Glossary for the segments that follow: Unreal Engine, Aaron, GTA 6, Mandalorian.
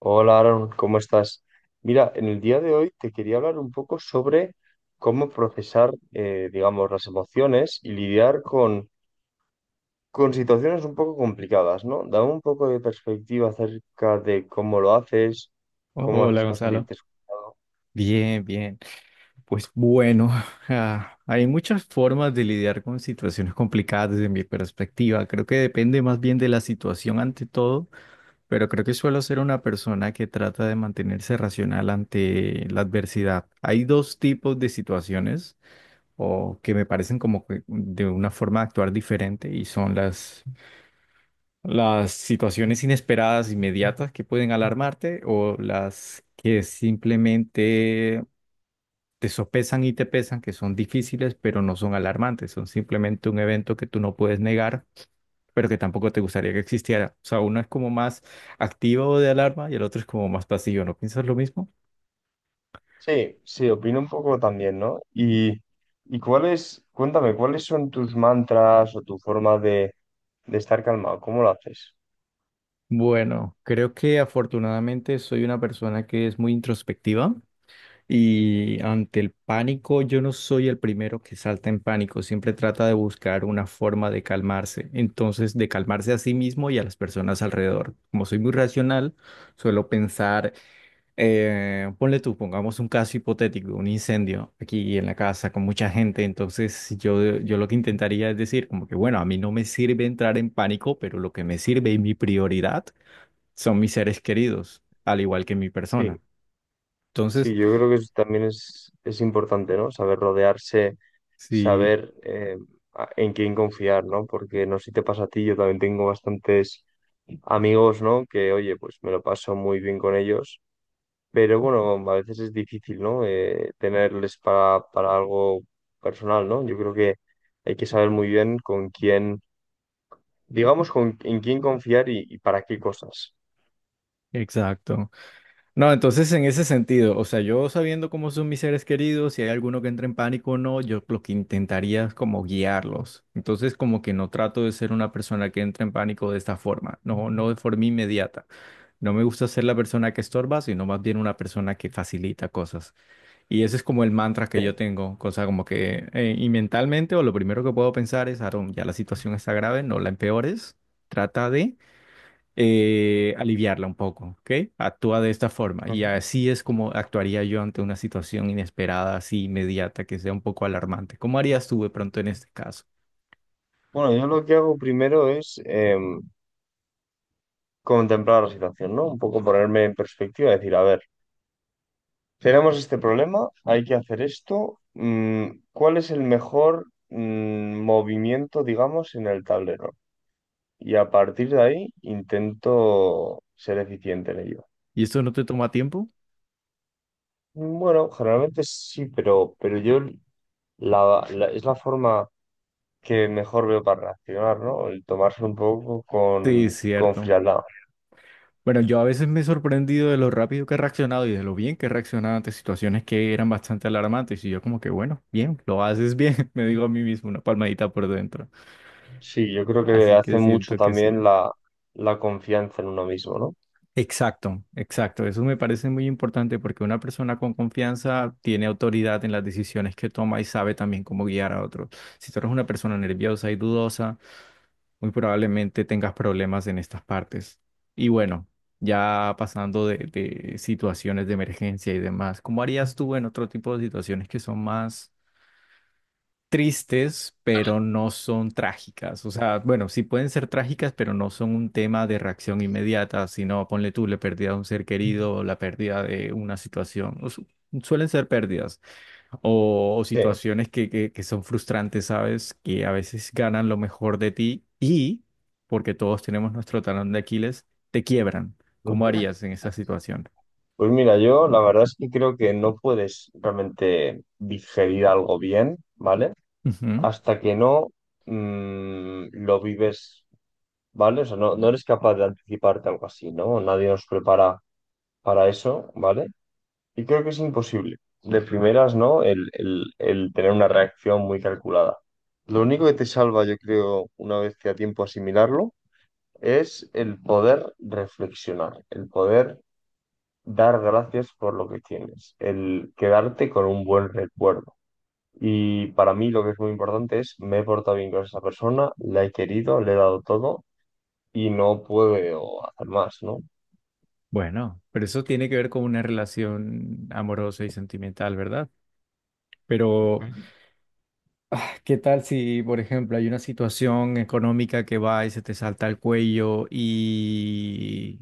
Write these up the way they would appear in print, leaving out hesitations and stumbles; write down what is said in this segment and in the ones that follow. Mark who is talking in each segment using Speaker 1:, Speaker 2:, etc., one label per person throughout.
Speaker 1: Hola Aaron, ¿cómo estás? Mira, en el día de hoy te quería hablar un poco sobre cómo procesar, digamos, las emociones y lidiar con situaciones un poco complicadas, ¿no? Dame un poco de perspectiva acerca de cómo lo haces, cómo
Speaker 2: Hola
Speaker 1: haces para
Speaker 2: Gonzalo.
Speaker 1: sentirte escuchado.
Speaker 2: Bien, bien. Pues bueno, hay muchas formas de lidiar con situaciones complicadas desde mi perspectiva. Creo que depende más bien de la situación ante todo, pero creo que suelo ser una persona que trata de mantenerse racional ante la adversidad. Hay dos tipos de situaciones o que me parecen como que de una forma de actuar diferente y son las situaciones inesperadas, inmediatas que pueden alarmarte o las que simplemente te sopesan y te pesan, que son difíciles, pero no son alarmantes, son simplemente un evento que tú no puedes negar, pero que tampoco te gustaría que existiera. O sea, uno es como más activo de alarma y el otro es como más pasivo. ¿No piensas lo mismo?
Speaker 1: Sí, sí, opino un poco también, ¿no? Y cuáles, cuéntame, ¿cuáles son tus mantras o tu forma de estar calmado? ¿Cómo lo haces?
Speaker 2: Bueno, creo que afortunadamente soy una persona que es muy introspectiva. Y ante el pánico, yo no soy el primero que salta en pánico, siempre trata de buscar una forma de calmarse, entonces de calmarse a sí mismo y a las personas alrededor. Como soy muy racional, suelo pensar, ponle tú, pongamos un caso hipotético, un incendio aquí en la casa con mucha gente, entonces yo lo que intentaría es decir, como que bueno, a mí no me sirve entrar en pánico, pero lo que me sirve y mi prioridad son mis seres queridos, al igual que mi
Speaker 1: Sí.
Speaker 2: persona.
Speaker 1: Sí,
Speaker 2: Entonces,
Speaker 1: yo creo que eso también es importante, ¿no? Saber rodearse,
Speaker 2: sí.
Speaker 1: saber en quién confiar, ¿no? Porque no sé si te pasa a ti, yo también tengo bastantes amigos, ¿no? Que, oye, pues me lo paso muy bien con ellos, pero bueno, a veces es difícil, ¿no? Tenerles para algo personal, ¿no? Yo creo que hay que saber muy bien con quién, digamos, con, en quién confiar y para qué cosas.
Speaker 2: Exacto. No, entonces en ese sentido, o sea, yo sabiendo cómo son mis seres queridos, si hay alguno que entra en pánico o no, yo lo que intentaría es como guiarlos. Entonces como que no trato de ser una persona que entra en pánico de esta forma, no, no de forma inmediata. No me gusta ser la persona que estorba, sino más bien una persona que facilita cosas. Y ese es como el mantra que yo
Speaker 1: ¿Sí?
Speaker 2: tengo, cosa como que, y mentalmente, o lo primero que puedo pensar es, Aaron, ya la situación está grave, no la empeores, trata de aliviarla un poco, ¿ok? Actúa de esta forma y
Speaker 1: Ujú.
Speaker 2: así es como actuaría yo ante una situación inesperada, así inmediata, que sea un poco alarmante. ¿Cómo harías tú de pronto en este caso?
Speaker 1: Bueno, yo lo que hago primero es contemplar la situación, ¿no? Un poco ponerme en perspectiva, decir, a ver, tenemos este problema, hay que hacer esto, ¿cuál es el mejor movimiento, digamos, en el tablero? Y a partir de ahí intento ser eficiente en ello.
Speaker 2: ¿Y esto no te toma tiempo?
Speaker 1: Bueno, generalmente sí, pero yo es la forma que mejor veo para reaccionar, ¿no? El tomarse un poco
Speaker 2: Sí, es
Speaker 1: con
Speaker 2: cierto.
Speaker 1: frialdad.
Speaker 2: Bueno, yo a veces me he sorprendido de lo rápido que he reaccionado y de lo bien que he reaccionado ante situaciones que eran bastante alarmantes y yo como que, bueno, bien, lo haces bien, me digo a mí mismo una palmadita por dentro.
Speaker 1: Sí, yo creo que
Speaker 2: Así que
Speaker 1: hace mucho
Speaker 2: siento que
Speaker 1: también
Speaker 2: sí.
Speaker 1: la confianza en uno mismo, ¿no?
Speaker 2: Exacto, exacto. Eso me parece muy importante porque una persona con confianza tiene autoridad en las decisiones que toma y sabe también cómo guiar a otros. Si tú eres una persona nerviosa y dudosa, muy probablemente tengas problemas en estas partes. Y bueno, ya pasando de situaciones de emergencia y demás, ¿cómo harías tú en otro tipo de situaciones que son más tristes, pero no son trágicas? O sea, bueno, sí pueden ser trágicas, pero no son un tema de reacción inmediata, sino ponle tú la pérdida de un ser querido, o la pérdida de una situación. Suelen ser pérdidas o
Speaker 1: Sí.
Speaker 2: situaciones que son frustrantes, ¿sabes? Que a veces ganan lo mejor de ti y, porque todos tenemos nuestro talón de Aquiles, te quiebran. ¿Cómo
Speaker 1: Ujú.
Speaker 2: harías en esa situación?
Speaker 1: Pues mira, yo la verdad es que creo que no puedes realmente digerir algo bien, ¿vale?
Speaker 2: Ujú.
Speaker 1: Hasta que no lo vives, ¿vale? O sea, no eres capaz de anticiparte algo así, ¿no? Nadie nos prepara para eso, ¿vale? Y creo que es imposible. De primeras, ¿no? El tener una reacción muy calculada. Lo único que te salva, yo creo, una vez que a tiempo asimilarlo, es el poder reflexionar, el poder dar gracias por lo que tienes, el quedarte con un buen recuerdo. Y para mí lo que es muy importante es, me he portado bien con esa persona, la he querido, le he dado todo y no puedo hacer más, ¿no?
Speaker 2: Bueno, pero eso tiene que ver con una relación amorosa y sentimental, ¿verdad? Pero ah, ¿qué tal si, por ejemplo, hay una situación económica que va y se te salta el cuello y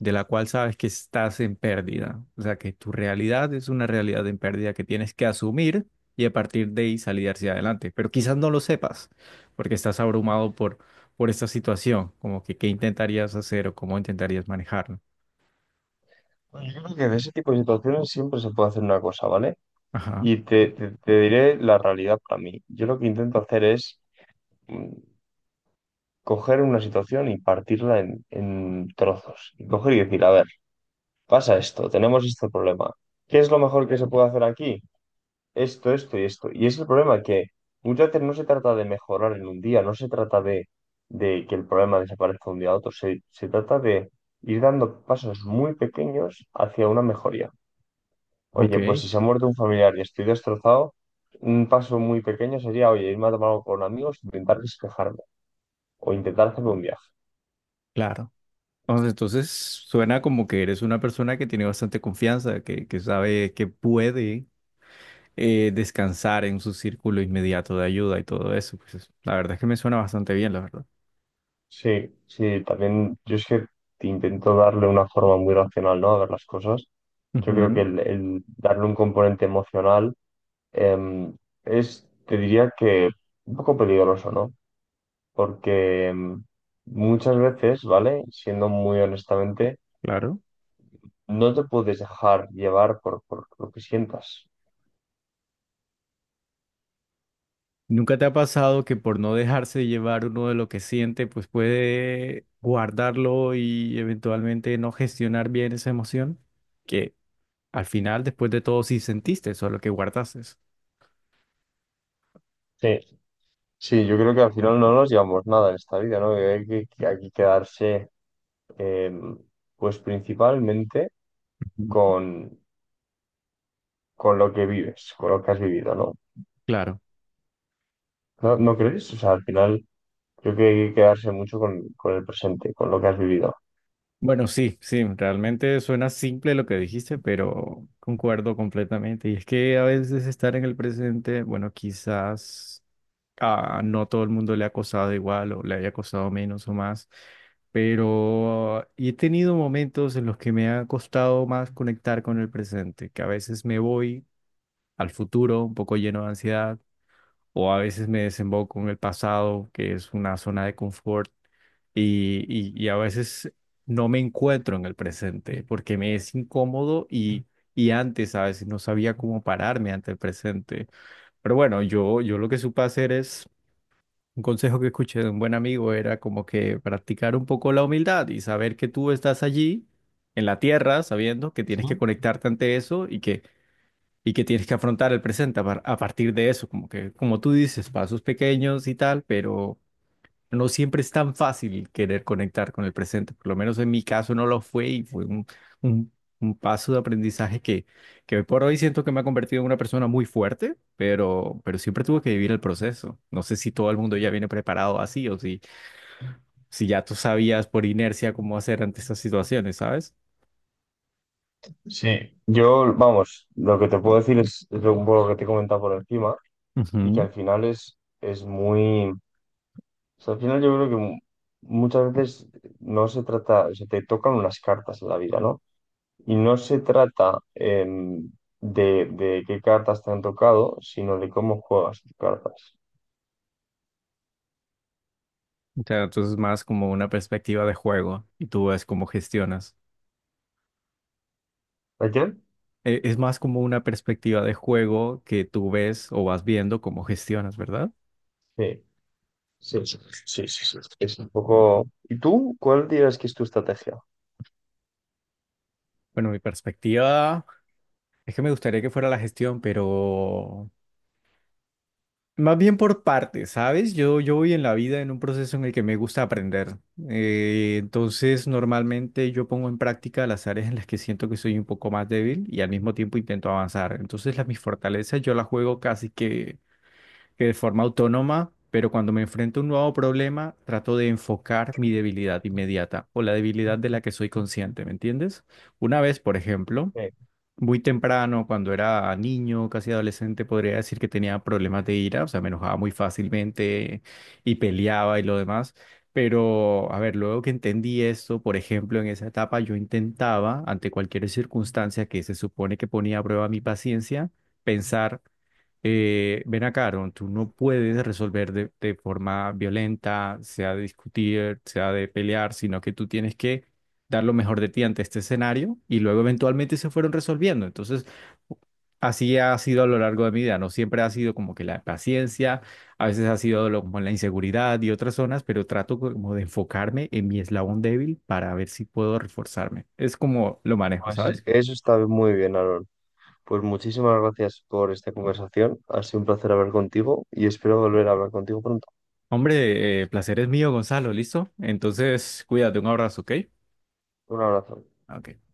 Speaker 2: de la cual sabes que estás en pérdida? O sea, que tu realidad es una realidad en pérdida que tienes que asumir y a partir de ahí salir hacia adelante. Pero quizás no lo sepas porque estás abrumado por esta situación, como que qué intentarías hacer o cómo intentarías manejarlo.
Speaker 1: Pues yo creo que de ese tipo de situaciones siempre se puede hacer una cosa, ¿vale?
Speaker 2: Ajá,
Speaker 1: Y te diré la realidad para mí. Yo lo que intento hacer es mm, coger una situación y partirla en trozos. Y coger y decir, a ver, pasa esto, tenemos este problema. ¿Qué es lo mejor que se puede hacer aquí? Esto y esto. Y es el problema que muchas veces no se trata de mejorar en un día, no se trata de que el problema desaparezca de un día a otro, se trata de ir dando pasos muy pequeños hacia una mejoría.
Speaker 2: ok,
Speaker 1: Oye, pues si se ha muerto un familiar y estoy destrozado, un paso muy pequeño sería, oye, irme a tomar algo con amigos, intentar despejarme o intentar hacerme un viaje.
Speaker 2: claro. O sea, entonces suena como que eres una persona que tiene bastante confianza, que sabe que puede descansar en su círculo inmediato de ayuda y todo eso. Pues la verdad es que me suena bastante bien, la verdad.
Speaker 1: Sí, sí, también yo es que te intento darle una forma muy racional, ¿no? A ver las cosas. Yo creo que
Speaker 2: Ujú,
Speaker 1: el darle un componente emocional em, es, te diría que un poco peligroso, ¿no? Porque muchas veces, ¿vale? Siendo muy honestamente,
Speaker 2: claro.
Speaker 1: no te puedes dejar llevar por lo que sientas.
Speaker 2: ¿Nunca te ha pasado que por no dejarse llevar uno de lo que siente, pues puede guardarlo y eventualmente no gestionar bien esa emoción? Que al final, después de todo, sí sentiste eso, lo que guardaste.
Speaker 1: Sí, sí, yo creo que al final no nos llevamos nada en esta vida, ¿no? Que hay que hay que quedarse, em, pues principalmente
Speaker 2: Ujú.
Speaker 1: con, con lo que vives, con lo que has vivido, ¿no?
Speaker 2: Claro.
Speaker 1: ¿No, no crees? O sea, al final creo que hay que quedarse mucho con el presente, con lo que has vivido.
Speaker 2: Bueno, sí, sí, realmente suena simple lo que dijiste, pero concuerdo completamente. Y es que a veces estar en el presente, bueno, quizás a no todo el mundo le ha costado igual o le haya costado menos o más, pero he tenido momentos en los que me ha costado más conectar con el presente, que a veces me voy al futuro un poco lleno de ansiedad o a veces me desemboco en el pasado, que es una zona de confort, y, y a veces no me encuentro en el presente porque me es incómodo y antes a veces no sabía cómo pararme ante el presente. Pero bueno, yo lo que supe hacer es, un consejo que escuché de un buen amigo era como que practicar un poco la humildad y saber que tú estás allí en la tierra, sabiendo que tienes que conectarte ante eso y que que tienes que afrontar el presente a partir de eso, como que, como tú dices, pasos pequeños y tal, pero no siempre es tan fácil querer conectar con el presente, por lo menos en mi caso no lo fue y fue un, un paso de aprendizaje que hoy por hoy siento que me ha convertido en una persona muy fuerte, pero siempre tuve que vivir el proceso. No sé si todo el mundo ya viene preparado así o si, si ya tú sabías por inercia cómo hacer ante estas situaciones, ¿sabes?
Speaker 1: Sí, yo, vamos, lo que te puedo decir es lo, un poco lo que te he comentado por encima y que
Speaker 2: Ujú.
Speaker 1: al final es muy... O sea, al final yo creo que muchas veces no se trata, o sea, te tocan unas cartas en la vida, ¿no? Y no se trata de qué cartas te han tocado, sino de cómo juegas tus cartas.
Speaker 2: O sea, entonces es más como una perspectiva de juego y tú ves cómo gestionas.
Speaker 1: ¿Ayer?
Speaker 2: Es más como una perspectiva de juego que tú ves o vas viendo cómo gestionas, ¿verdad?
Speaker 1: Sí, sí, sí, sí, sí, sí. Es un poco... ¿Y tú? ¿Cuál dirías que es tu estrategia?
Speaker 2: Bueno, mi perspectiva es que me gustaría que fuera la gestión, pero más bien por partes, ¿sabes? Yo voy en la vida en un proceso en el que me gusta aprender. Entonces, normalmente yo pongo en práctica las áreas en las que siento que soy un poco más débil y al mismo tiempo intento avanzar. Entonces, las mis fortalezas yo las juego casi que de forma autónoma, pero cuando me enfrento a un nuevo problema, trato de enfocar mi debilidad inmediata o la debilidad de la que soy consciente, ¿me entiendes? Una vez, por ejemplo,
Speaker 1: Sí,
Speaker 2: muy temprano, cuando era niño, casi adolescente, podría decir que tenía problemas de ira, o sea, me enojaba muy fácilmente y peleaba y lo demás. Pero, a ver, luego que entendí esto, por ejemplo, en esa etapa yo intentaba, ante cualquier circunstancia que se supone que ponía a prueba mi paciencia, pensar, ven acá, Aaron, tú no puedes resolver de forma violenta, sea de discutir, sea de pelear, sino que tú tienes que dar lo mejor de ti ante este escenario y luego eventualmente se fueron resolviendo. Entonces, así ha sido a lo largo de mi vida, no siempre ha sido como que la paciencia, a veces ha sido como la inseguridad y otras zonas, pero trato como de enfocarme en mi eslabón débil para ver si puedo reforzarme. Es como lo manejo,
Speaker 1: pues
Speaker 2: ¿sabes?
Speaker 1: eso está muy bien, Aaron. Pues muchísimas gracias por esta conversación. Ha sido un placer hablar contigo y espero volver a hablar contigo pronto.
Speaker 2: Hombre, placer es mío, Gonzalo, ¿listo? Entonces, cuídate, un abrazo, ¿ok?
Speaker 1: Un abrazo.
Speaker 2: Ok.